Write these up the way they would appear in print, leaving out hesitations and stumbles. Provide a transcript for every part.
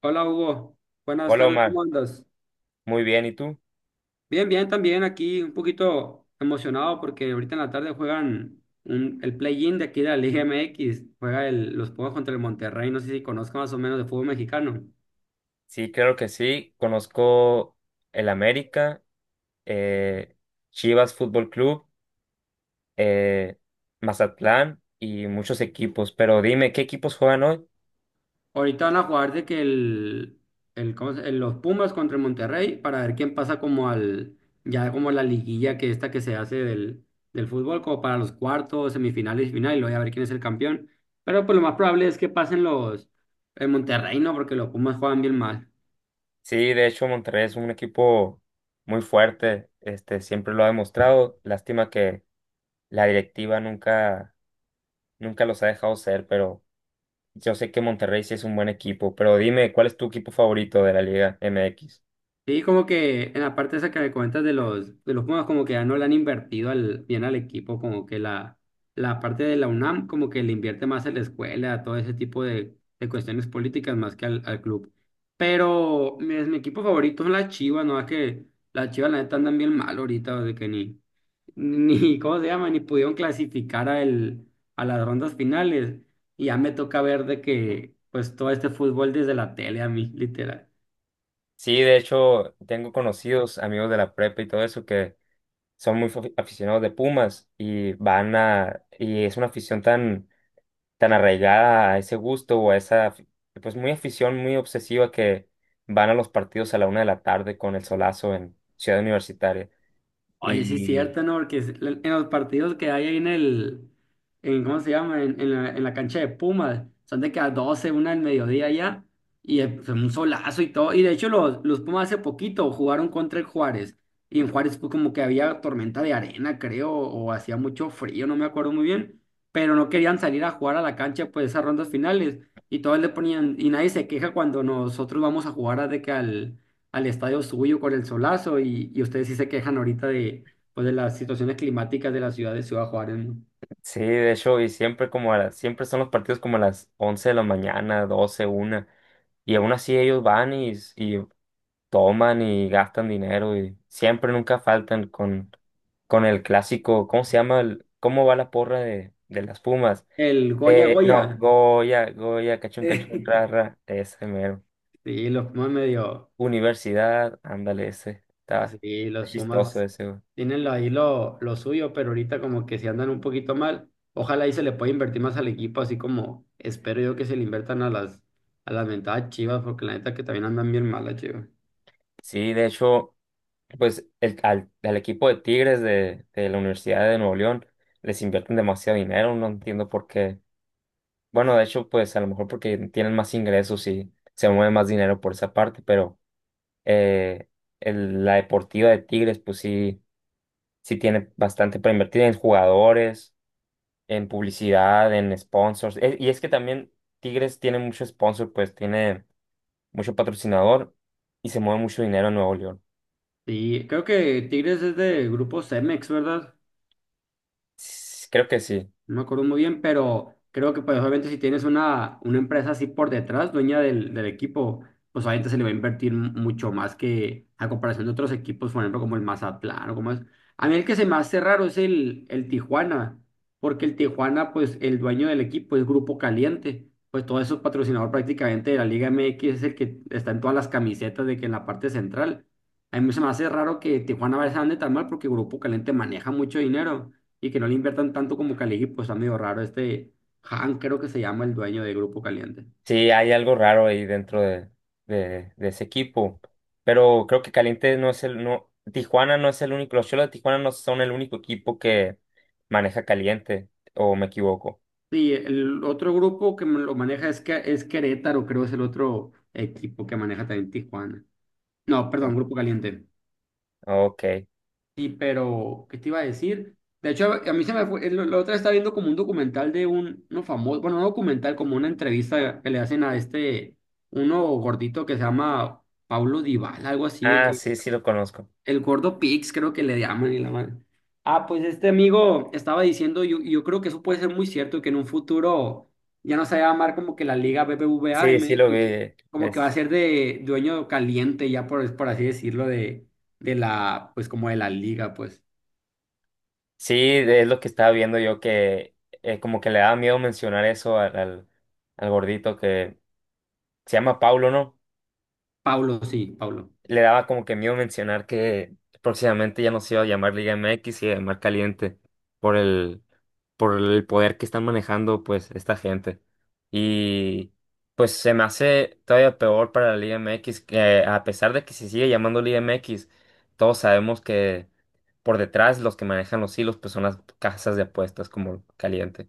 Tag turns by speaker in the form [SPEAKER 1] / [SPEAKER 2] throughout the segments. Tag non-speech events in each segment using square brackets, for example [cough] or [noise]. [SPEAKER 1] Hola Hugo, buenas
[SPEAKER 2] Hola
[SPEAKER 1] tardes,
[SPEAKER 2] Omar,
[SPEAKER 1] ¿cómo andas?
[SPEAKER 2] muy bien, ¿y tú?
[SPEAKER 1] Bien, bien, también aquí un poquito emocionado porque ahorita en la tarde juegan el play-in de aquí de la Liga MX, juega los Pumas contra el Monterrey, no sé si conozco más o menos de fútbol mexicano.
[SPEAKER 2] Sí, claro que sí, conozco el América, eh, Chivas Fútbol Club, eh, Mazatlán y muchos equipos, pero dime, ¿qué equipos juegan hoy?
[SPEAKER 1] Ahorita van a jugar de que el, ¿cómo los Pumas contra el Monterrey para ver quién pasa como al, ya como la liguilla que esta que se hace del fútbol, como para los cuartos, semifinales y final, y luego ya ver quién es el campeón. Pero pues lo más probable es que pasen los, el Monterrey, ¿no? Porque los Pumas juegan bien mal.
[SPEAKER 2] Sí, de hecho Monterrey es un equipo muy fuerte, este, siempre lo ha demostrado, lástima que la directiva nunca los ha dejado ser, pero yo sé que Monterrey sí es un buen equipo, pero dime, ¿cuál es tu equipo favorito de la Liga MX?
[SPEAKER 1] Sí, como que en la parte esa que me comentas de los Pumas, como que ya no le han invertido al, bien al equipo, como que la parte de la UNAM, como que le invierte más a la escuela, a todo ese tipo de cuestiones políticas más que al club. Pero mi equipo favorito son las Chivas, ¿no? Es que las Chivas, la neta, andan bien mal ahorita, de que ni, ni, [laughs] ¿cómo se llama? Ni pudieron clasificar a, el, a las rondas finales. Y ya me toca ver de que, pues, todo este fútbol desde la tele a mí, literal.
[SPEAKER 2] Sí, de hecho, tengo conocidos, amigos de la prepa y todo eso que son muy aficionados de Pumas y y es una afición tan arraigada a ese gusto o a pues muy afición, muy obsesiva que van a los partidos a la una de la tarde con el solazo en Ciudad Universitaria.
[SPEAKER 1] Oye, sí es
[SPEAKER 2] Y
[SPEAKER 1] cierto, ¿no? Porque en los partidos que hay ahí en el, en, ¿cómo se llama? En la cancha de Pumas, son de que a 12 una del mediodía ya, y pues, un solazo y todo. Y de hecho los Pumas hace poquito jugaron contra el Juárez, y en Juárez pues, como que había tormenta de arena, creo, o hacía mucho frío, no me acuerdo muy bien, pero no querían salir a jugar a la cancha pues esas rondas finales, y todos le ponían, y nadie se queja cuando nosotros vamos a jugar a de que al estadio suyo con el solazo y ustedes sí se quejan ahorita de, pues, de las situaciones climáticas de la ciudad de Ciudad Juárez, ¿no?
[SPEAKER 2] sí, de hecho, y siempre como a siempre son los partidos como a las 11 de la mañana, doce, una. Y aún así toman y gastan dinero y siempre nunca faltan con el clásico, ¿cómo se llama? ¿Cómo va la porra de las Pumas?
[SPEAKER 1] El Goya
[SPEAKER 2] No,
[SPEAKER 1] Goya.
[SPEAKER 2] Goya, Goya, cachón, cachón,
[SPEAKER 1] [laughs]
[SPEAKER 2] rara, ese mero.
[SPEAKER 1] Sí, los Pumas medio,
[SPEAKER 2] Universidad, ándale, ese, está
[SPEAKER 1] sí, los
[SPEAKER 2] chistoso
[SPEAKER 1] Pumas
[SPEAKER 2] ese, güey.
[SPEAKER 1] tienen ahí lo suyo, pero ahorita como que se andan un poquito mal. Ojalá ahí se le pueda invertir más al equipo, así como espero yo que se le inviertan a las mentadas Chivas, porque la neta que también andan bien mal las Chivas.
[SPEAKER 2] Sí, de hecho, pues al equipo de Tigres de la Universidad de Nuevo León les invierten demasiado dinero, no entiendo por qué. Bueno, de hecho, pues a lo mejor porque tienen más ingresos y se mueve más dinero por esa parte, pero Eh, la deportiva de Tigres, pues sí tiene bastante para invertir en jugadores, en publicidad, en sponsors. Y es que también Tigres tiene mucho sponsor, pues tiene mucho patrocinador y se mueve mucho dinero en Nuevo León.
[SPEAKER 1] Sí, creo que Tigres es de grupo Cemex, ¿verdad?
[SPEAKER 2] Creo que sí.
[SPEAKER 1] No me acuerdo muy bien, pero creo que pues obviamente si tienes una empresa así por detrás, dueña del equipo, pues obviamente se le va a invertir mucho más que a comparación de otros equipos, por ejemplo, como el Mazatlán o como es. A mí el que se me hace raro es el Tijuana, porque el Tijuana, pues el dueño del equipo es Grupo Caliente, pues todo eso es patrocinador prácticamente de la Liga MX, es el que está en todas las camisetas de que en la parte central. A mí se me hace raro que Tijuana vaya a andar tan mal porque Grupo Caliente maneja mucho dinero y que no le inviertan tanto como que al equipo. Está medio raro este Han, creo que se llama el dueño de Grupo Caliente.
[SPEAKER 2] Sí, hay algo raro ahí dentro de ese equipo. Pero creo que Caliente no es no, Tijuana no es el único, los Cholos de Tijuana no son el único equipo que maneja Caliente, o me equivoco.
[SPEAKER 1] Sí, el otro grupo que me lo maneja es, que, es Querétaro, creo es el otro equipo que maneja también Tijuana. No,
[SPEAKER 2] O-
[SPEAKER 1] perdón, Grupo Caliente.
[SPEAKER 2] Ok.
[SPEAKER 1] Sí, pero, ¿qué te iba a decir? De hecho, a mí se me fue, la otra estaba viendo como un documental de un, uno famoso, bueno, no documental, como una entrevista que le hacen a este, uno gordito que se llama Pablo Dybala, algo así, de
[SPEAKER 2] Ah,
[SPEAKER 1] que
[SPEAKER 2] sí, sí lo conozco.
[SPEAKER 1] el gordo Pix, creo que le llaman y la madre. Ah, pues este amigo estaba diciendo, yo creo que eso puede ser muy cierto, que en un futuro ya no se va a llamar como que la Liga BBVA
[SPEAKER 2] Sí, sí lo
[SPEAKER 1] MX,
[SPEAKER 2] vi.
[SPEAKER 1] como que va a
[SPEAKER 2] Es,
[SPEAKER 1] ser de dueño caliente, ya por así decirlo, de la, pues como de la liga, pues.
[SPEAKER 2] sí, es lo que estaba viendo yo que como que le daba miedo mencionar eso al gordito que se llama Paulo, ¿no?
[SPEAKER 1] Pablo.
[SPEAKER 2] Le daba como que miedo mencionar que próximamente ya no se iba a llamar Liga MX y a llamar Caliente por el, por el poder que están manejando pues esta gente. Y pues se me hace todavía peor para la Liga MX que a pesar de que se sigue llamando Liga MX, todos sabemos que por detrás los que manejan los hilos pues son las casas de apuestas como Caliente.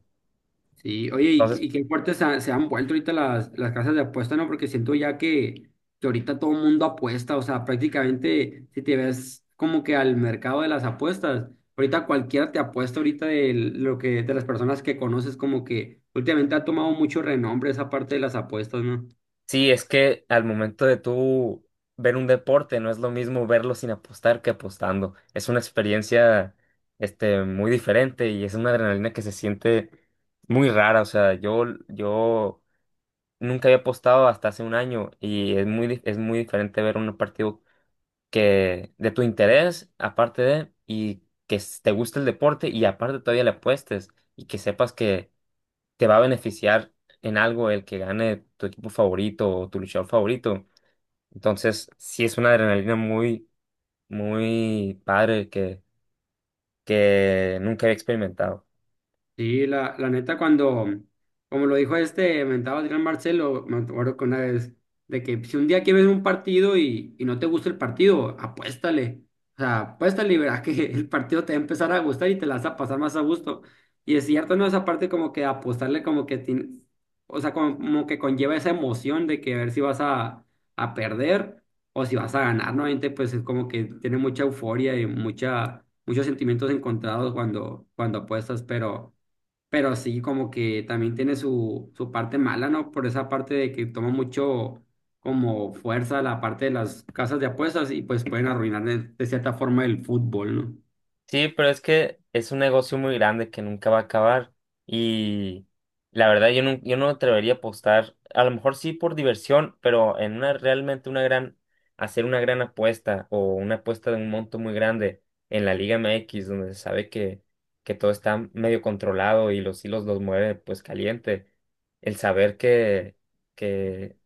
[SPEAKER 1] Sí, oye,
[SPEAKER 2] Entonces
[SPEAKER 1] y qué fuertes se, se han vuelto ahorita las casas de apuesta, ¿no? Porque siento ya que ahorita todo el mundo apuesta, o sea, prácticamente si te ves como que al mercado de las apuestas, ahorita cualquiera te apuesta ahorita de lo que, de las personas que conoces, como que últimamente ha tomado mucho renombre esa parte de las apuestas, ¿no?
[SPEAKER 2] sí, es que al momento de tú ver un deporte, no es lo mismo verlo sin apostar que apostando. Es una experiencia, este, muy diferente y es una adrenalina que se siente muy rara. O sea, yo nunca había apostado hasta hace 1 año y es es muy diferente ver un partido que de tu interés, y que te guste el deporte y aparte todavía le apuestes y que sepas que te va a beneficiar en algo el que gane tu equipo favorito o tu luchador favorito. Entonces, sí es una adrenalina muy padre que nunca había experimentado.
[SPEAKER 1] Sí, la neta, cuando, como lo dijo este mentado Adrián Marcelo, me acuerdo que una vez, de que si un día quieres un partido y no te gusta el partido, apuéstale. O sea, apuéstale y verás que [laughs] el partido te va a empezar a gustar y te la vas a pasar más a gusto. Y es cierto, ¿no? Esa parte como que apostarle como que tiene, o sea, como, como que conlleva esa emoción de que a ver si vas a perder o si vas a ganar, ¿no? Gente, pues es como que tiene mucha euforia y mucha, muchos sentimientos encontrados cuando apuestas, pero... Pero sí, como que también tiene su, su parte mala, ¿no? Por esa parte de que toma mucho como fuerza la parte de las casas de apuestas y pues pueden arruinar de cierta forma el fútbol, ¿no?
[SPEAKER 2] Sí, pero es que es un negocio muy grande que nunca va a acabar y la verdad yo no me atrevería a apostar, a lo mejor sí por diversión, pero en una realmente una gran, hacer una gran apuesta o una apuesta de un monto muy grande en la Liga MX donde se sabe que todo está medio controlado y los hilos los mueve pues caliente, el saber que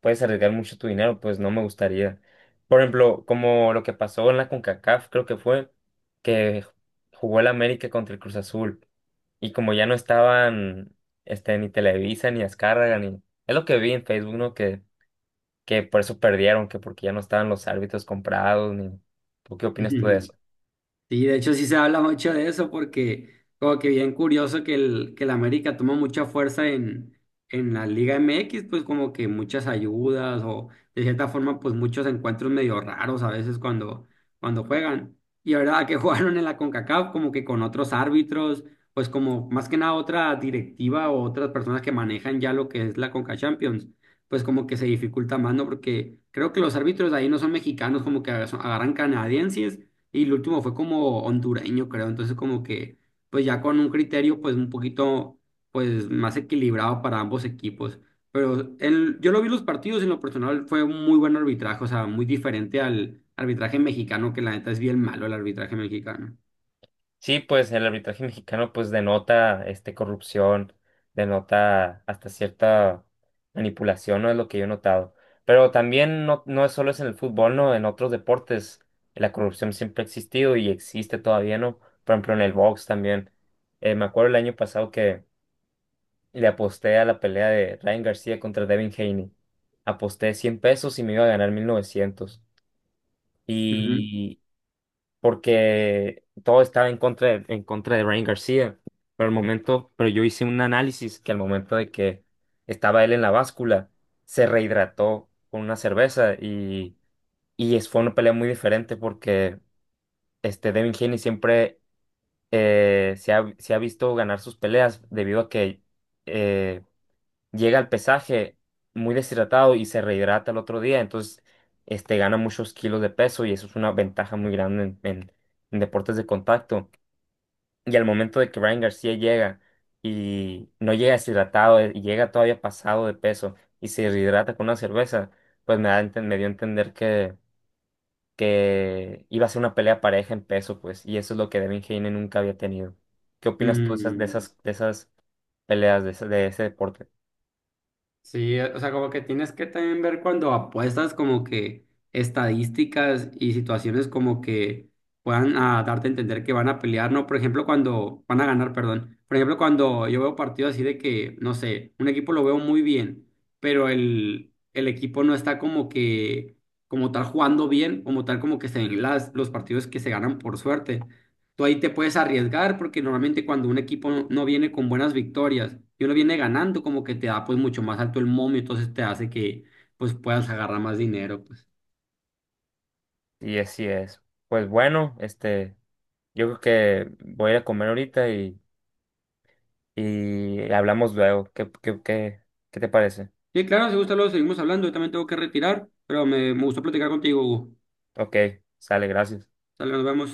[SPEAKER 2] puedes arriesgar mucho tu dinero pues no me gustaría. Por ejemplo, como lo que pasó en la CONCACAF creo que fue que jugó el América contra el Cruz Azul. Y como ya no estaban este, ni Televisa, ni Azcárraga, ni... Es lo que vi en Facebook, ¿no? Que por eso perdieron, que porque ya no estaban los árbitros comprados, ni... ¿Tú qué opinas tú de eso?
[SPEAKER 1] [laughs] Sí, de hecho sí se habla mucho de eso porque como que bien curioso que el América toma mucha fuerza en la Liga MX, pues como que muchas ayudas o de cierta forma pues muchos encuentros medio raros a veces cuando juegan. Y ahora que [laughs] jugaron en la CONCACAF como que con otros árbitros, pues como más que nada otra directiva o otras personas que manejan ya lo que es la Conca Champions, pues como que se dificulta más, ¿no? Porque creo que los árbitros de ahí no son mexicanos, como que agarran canadienses y el último fue como hondureño, creo. Entonces, como que, pues ya con un criterio, pues un poquito, pues más equilibrado para ambos equipos. Pero yo lo vi los partidos, en lo personal fue un muy buen arbitraje, o sea, muy diferente al arbitraje mexicano, que la neta es bien malo el arbitraje mexicano.
[SPEAKER 2] Sí, pues el arbitraje mexicano pues denota este corrupción, denota hasta cierta manipulación, ¿no? Es lo que yo he notado. Pero también no es solo es en el fútbol, ¿no? En otros deportes la corrupción siempre ha existido y existe todavía, ¿no? Por ejemplo, en el box también. Me acuerdo el año pasado que le aposté a la pelea de Ryan García contra Devin Haney. Aposté 100 pesos y me iba a ganar 1900
[SPEAKER 1] Ujú.
[SPEAKER 2] porque todo estaba en contra en contra de Ryan García. Pero yo hice un análisis que al momento de que estaba él en la báscula, se rehidrató con una cerveza y fue una pelea muy diferente porque este Devin Haney siempre se ha visto ganar sus peleas debido a que eh, llega al pesaje muy deshidratado y se rehidrata el otro día, entonces este, gana muchos kilos de peso y eso es una ventaja muy grande en deportes de contacto. Y al momento de que Ryan García llega y no llega deshidratado, y llega todavía pasado de peso y se rehidrata con una cerveza, pues me dio a entender que iba a ser una pelea pareja en peso, pues, y eso es lo que Devin Haney nunca había tenido. ¿Qué opinas tú de
[SPEAKER 1] Mm,
[SPEAKER 2] de esas peleas, de ese deporte?
[SPEAKER 1] Sí, o sea, como que tienes que también ver cuando apuestas como que estadísticas y situaciones como que puedan darte a entender que van a pelear, ¿no? Por ejemplo, cuando van a ganar, perdón. Por ejemplo, cuando yo veo partidos así de que, no sé, un equipo lo veo muy bien, pero el equipo no está como que, como tal jugando bien, como tal como que se ven las, los partidos que se ganan por suerte. Tú ahí te puedes arriesgar porque normalmente cuando un equipo no viene con buenas victorias y uno viene ganando, como que te da pues mucho más alto el momio, entonces te hace que pues puedas agarrar más dinero, pues.
[SPEAKER 2] Y así es. Pues bueno, este, yo creo que voy a ir a comer ahorita y hablamos luego. ¿Qué, qué te parece?
[SPEAKER 1] Sí, claro, si gusta luego seguimos hablando, yo también tengo que retirar, pero me gustó platicar contigo, Hugo.
[SPEAKER 2] Ok, sale, gracias.
[SPEAKER 1] Sale, nos vemos.